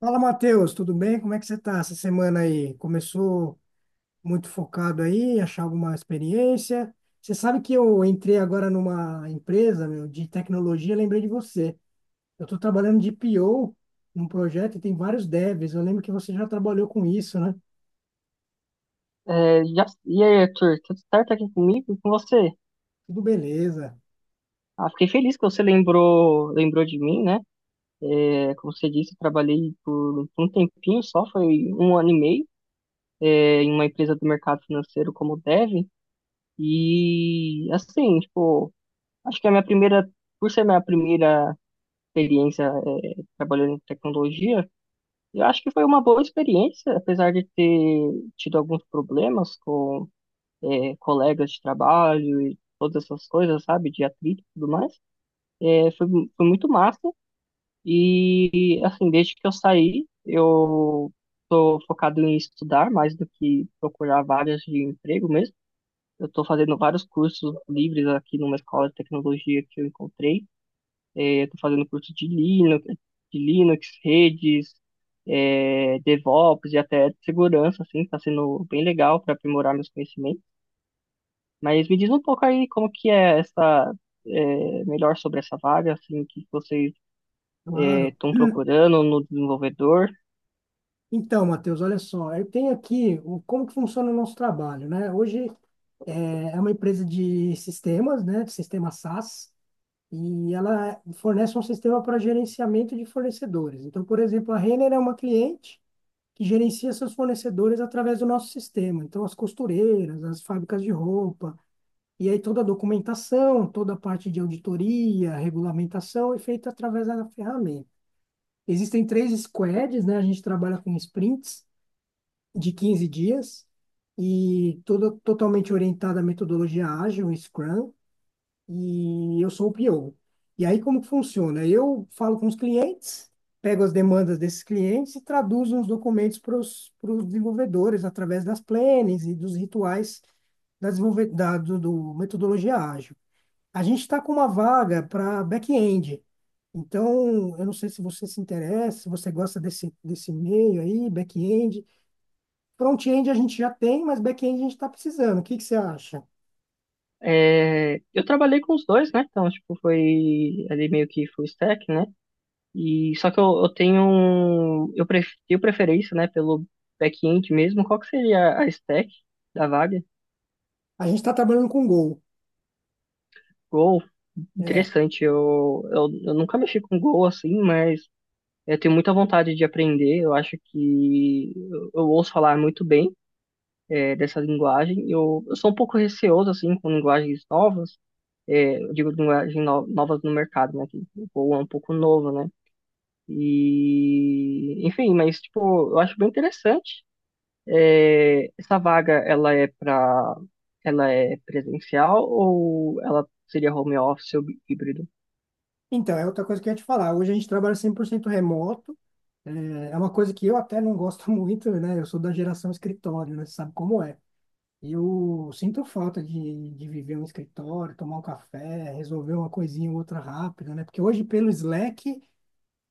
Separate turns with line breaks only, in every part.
Fala, Matheus, tudo bem? Como é que você está essa semana aí? Começou muito focado aí, achar alguma experiência? Você sabe que eu entrei agora numa empresa, meu, de tecnologia, lembrei de você. Eu estou trabalhando de PO num projeto e tem vários devs. Eu lembro que você já trabalhou com isso, né?
E aí, Arthur, tudo certo aqui comigo e com você?
Tudo beleza,
Ah, fiquei feliz que você lembrou de mim, né? É, como você disse, eu trabalhei por um tempinho só, foi 1 ano e meio, em uma empresa do mercado financeiro como Dev. E, assim, tipo, acho que a minha primeira, por ser minha primeira experiência, trabalhando em tecnologia, eu acho que foi uma boa experiência, apesar de ter tido alguns problemas colegas de trabalho e todas essas coisas, sabe? De atrito e tudo mais. É, foi, foi muito massa. E, assim, desde que eu saí, eu tô focado em estudar mais do que procurar vagas de emprego mesmo. Eu tô fazendo vários cursos livres aqui numa escola de tecnologia que eu encontrei. É, eu tô fazendo curso de Linux, redes, DevOps e até de segurança, assim, tá sendo bem legal para aprimorar meus conhecimentos. Mas me diz um pouco aí como que é essa, é, melhor sobre essa vaga, assim, que vocês
claro.
estão procurando no desenvolvedor.
Então, Matheus, olha só, eu tenho aqui o, como que funciona o nosso trabalho, né? Hoje é uma empresa de sistemas, né? De Sistema SaaS. E ela fornece um sistema para gerenciamento de fornecedores. Então, por exemplo, a Renner é uma cliente que gerencia seus fornecedores através do nosso sistema. Então, as costureiras, as fábricas de roupa, e aí toda a documentação, toda a parte de auditoria, regulamentação é feita através da ferramenta. Existem três squads, né? A gente trabalha com sprints de 15 dias e toda totalmente orientada à metodologia ágil, Scrum, e eu sou o PO. E aí, como que funciona? Eu falo com os clientes, pego as demandas desses clientes e traduzo os documentos para os desenvolvedores através das plannings e dos rituais da, desenvolve- da do, do metodologia ágil. A gente está com uma vaga para back-end. Então, eu não sei se você se interessa, se você gosta desse meio aí, back-end. Front-end a gente já tem, mas back-end a gente está precisando. O que que você acha?
É, eu trabalhei com os dois, né? Então, tipo, foi ali meio que full stack, né? E só que eu tenho preferência, né, pelo back-end mesmo. Qual que seria a stack da vaga?
A gente está trabalhando com Go.
Go,
É,
interessante. Eu nunca mexi com Go assim, mas eu tenho muita vontade de aprender. Eu acho que eu ouço falar muito bem dessa linguagem. Eu sou um pouco receoso, assim, com linguagens novas. Eu digo linguagem no, novas no mercado, né? Que o Go é um pouco novo, né? E, enfim, mas, tipo, eu acho bem interessante. É, essa vaga, ela é para, ela é presencial ou ela seria home office ou híbrido?
Então, é outra coisa que eu ia te falar. Hoje a gente trabalha 100% remoto. É é uma coisa que eu até não gosto muito, né? Eu sou da geração escritório, né? Você sabe como é. E eu sinto falta de viver um escritório, tomar um café, resolver uma coisinha ou outra rápida, né? Porque hoje, pelo Slack,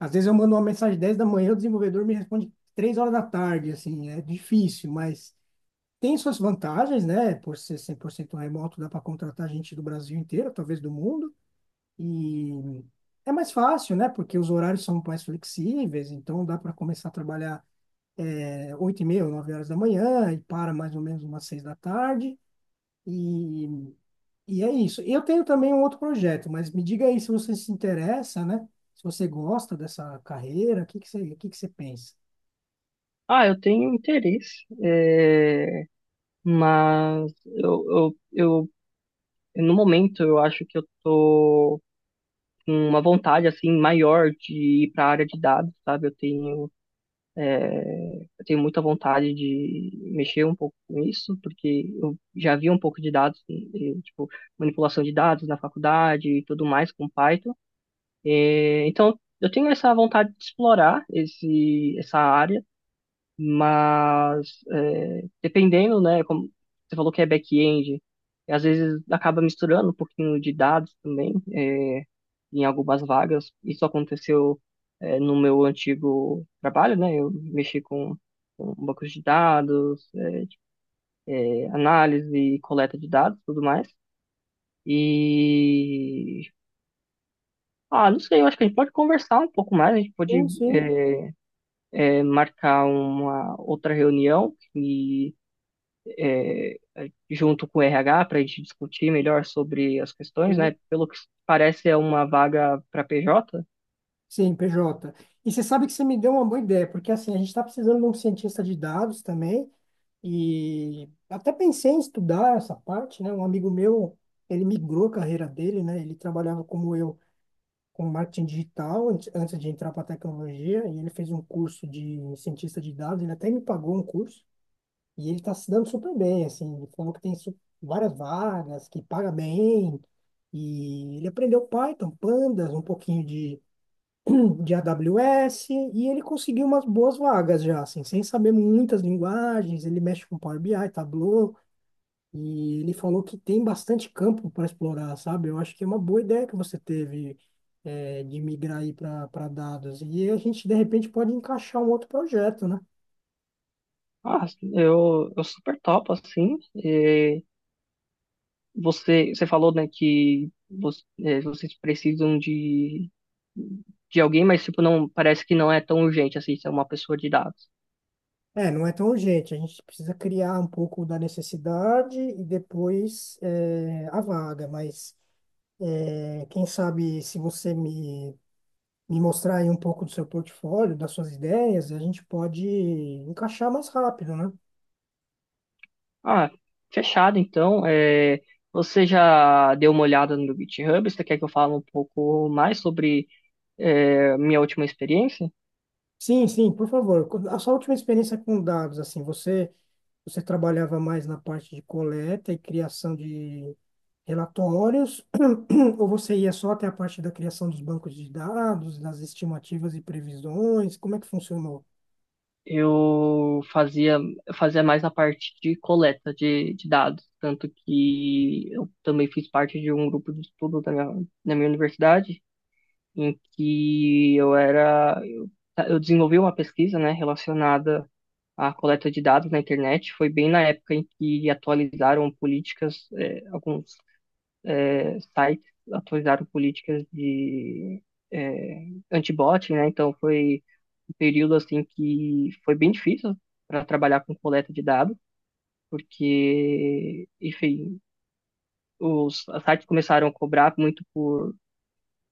às vezes eu mando uma mensagem 10 da manhã, o desenvolvedor me responde 3 horas da tarde, assim. É difícil, mas tem suas vantagens, né? Por ser 100% remoto, dá para contratar gente do Brasil inteiro, talvez do mundo. E é mais fácil, né? Porque os horários são mais flexíveis, então dá para começar a trabalhar 8 e meia, 9 horas da manhã e para mais ou menos umas 6 da tarde. E, e é isso. Eu tenho também um outro projeto, mas me diga aí se você se interessa, né? Se você gosta dessa carreira, o que que você pensa?
Ah, eu tenho interesse, mas eu, eu, eu, no momento, eu acho que eu tô uma vontade assim maior de ir para a área de dados, sabe? Eu tenho muita vontade de mexer um pouco com isso, porque eu já vi um pouco de dados, tipo manipulação de dados na faculdade e tudo mais com Python. Então eu tenho essa vontade de explorar esse essa área, mas dependendo, né? Como você falou que é back-end, às vezes acaba misturando um pouquinho de dados também, em algumas vagas. Isso aconteceu, no meu antigo trabalho, né? Com bancos de dados, análise e coleta de dados, tudo mais. E ah, não sei, eu acho que a gente pode conversar um pouco mais, a gente pode
Sim, sim,
eh, marcar uma outra reunião e eh, junto com o RH para a gente discutir melhor sobre as questões,
sim.
né? Pelo que parece é uma vaga para PJ.
Sim, PJ. E você sabe que você me deu uma boa ideia, porque assim, a gente está precisando de um cientista de dados também. E até pensei em estudar essa parte, né? Um amigo meu, ele migrou a carreira dele, né? Ele trabalhava como eu, com marketing digital antes de entrar para tecnologia, e ele fez um curso de cientista de dados, ele até me pagou um curso, e ele está se dando super bem, assim, ele falou que tem várias vagas, que paga bem, e ele aprendeu Python, Pandas, um pouquinho de AWS, e ele conseguiu umas boas vagas já, assim, sem saber muitas linguagens, ele mexe com Power BI, Tableau, e ele falou que tem bastante campo para explorar, sabe? Eu acho que é uma boa ideia que você teve de migrar aí para dados. E a gente, de repente, pode encaixar um outro projeto, né?
Ah, eu super topo, assim. eh, você falou, né, que vocês precisam de alguém, mas tipo, não, parece que não é tão urgente assim, ser uma pessoa de dados.
É, não é tão urgente. A gente precisa criar um pouco da necessidade e depois a vaga. Mas quem sabe se você me mostrar aí um pouco do seu portfólio, das suas ideias, a gente pode encaixar mais rápido, né?
Ah, fechado então. É, você já deu uma olhada no meu GitHub? Você quer que eu fale um pouco mais sobre minha última experiência?
Sim, sim, por favor. A sua última experiência com dados, assim, você. Você trabalhava mais na parte de coleta e criação de relatórios, ou você ia só até a parte da criação dos bancos de dados, das estimativas e previsões? Como é que funcionou?
eu fazia, eu fazia mais a parte de coleta de dados, tanto que eu também fiz parte de um grupo de estudo na minha universidade, em que eu era, eu desenvolvi uma pesquisa, né, relacionada à coleta de dados na internet. Foi bem na época em que atualizaram políticas, alguns sites atualizaram políticas de anti-bot, né? Então foi um período assim que foi bem difícil para trabalhar com coleta de dados, porque, enfim, os sites começaram a cobrar muito por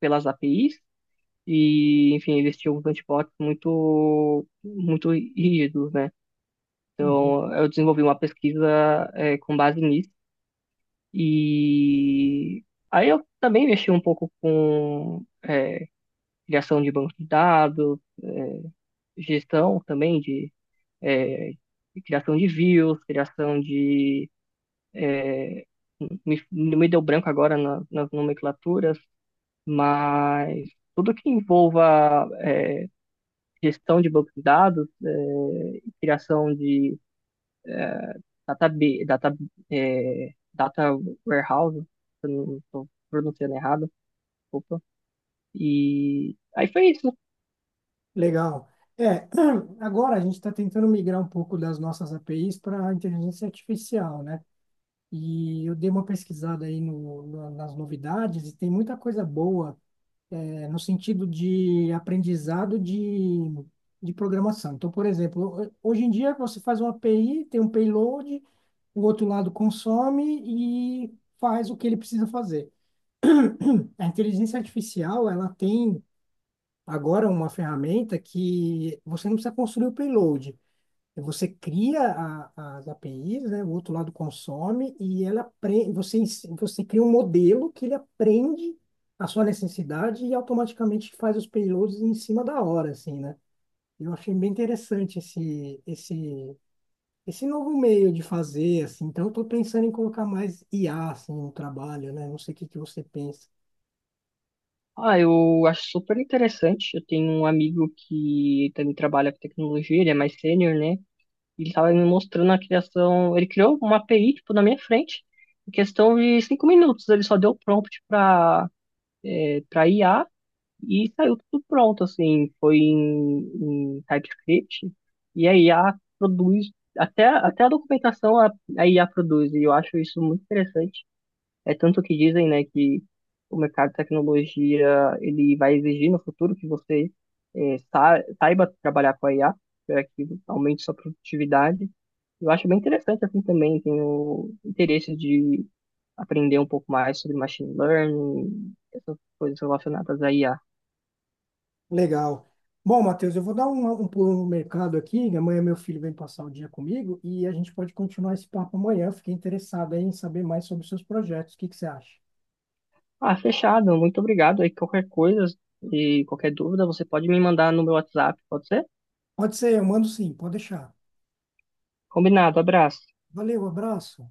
pelas APIs e, enfim, eles tinham uns antibots muito muito rígidos, né?
Uhum.
Então eu desenvolvi uma pesquisa com base nisso. E aí eu também mexi um pouco com criação de banco de dados, gestão também de, é, de criação de views, criação de. Me deu branco agora nas nomenclaturas, mas tudo que envolva gestão de banco de dados, é, criação de data, data, data warehouse, se eu não estou pronunciando errado, desculpa. E aí foi isso.
Legal. É, agora a gente está tentando migrar um pouco das nossas APIs para a inteligência artificial, né? E eu dei uma pesquisada aí no, na- nas novidades e tem muita coisa boa no sentido de aprendizado de programação. Então, por exemplo, hoje em dia você faz uma API, tem um payload, o outro lado consome e faz o que ele precisa fazer. A inteligência artificial, ela tem agora uma ferramenta que você não precisa construir o payload. Você cria as APIs, né? O outro lado consome e ela você cria um modelo que ele aprende a sua necessidade e automaticamente faz os payloads em cima da hora, assim, né? Eu achei bem interessante esse novo meio de fazer, assim. Então, eu estou pensando em colocar mais IA, assim, no trabalho, né? Não sei o que que você pensa.
Ah, eu acho super interessante. Eu tenho um amigo que também trabalha com tecnologia, ele é mais sênior, né? E ele estava me mostrando a criação. Ele criou uma API, tipo, na minha frente, em questão de 5 minutos. Ele só deu prompt para IA e saiu tudo pronto, assim. Foi em TypeScript e a IA produz, até a documentação a IA produz. E eu acho isso muito interessante. É tanto que dizem, né, que o mercado de tecnologia ele vai exigir no futuro que você saiba trabalhar com a IA para que aumente sua produtividade. Eu acho bem interessante assim também, tenho interesse de aprender um pouco mais sobre machine learning, essas coisas relacionadas à IA.
Legal. Bom, Matheus, eu vou dar um pulo no mercado aqui. Amanhã meu filho vem passar o dia comigo e a gente pode continuar esse papo amanhã. Eu fiquei interessado aí em saber mais sobre os seus projetos. O que que você acha?
Ah, fechado, muito obrigado. Aí qualquer coisa e qualquer dúvida você pode me mandar no meu WhatsApp, pode ser?
Pode ser, eu mando sim, pode deixar.
Combinado, abraço.
Valeu, abraço.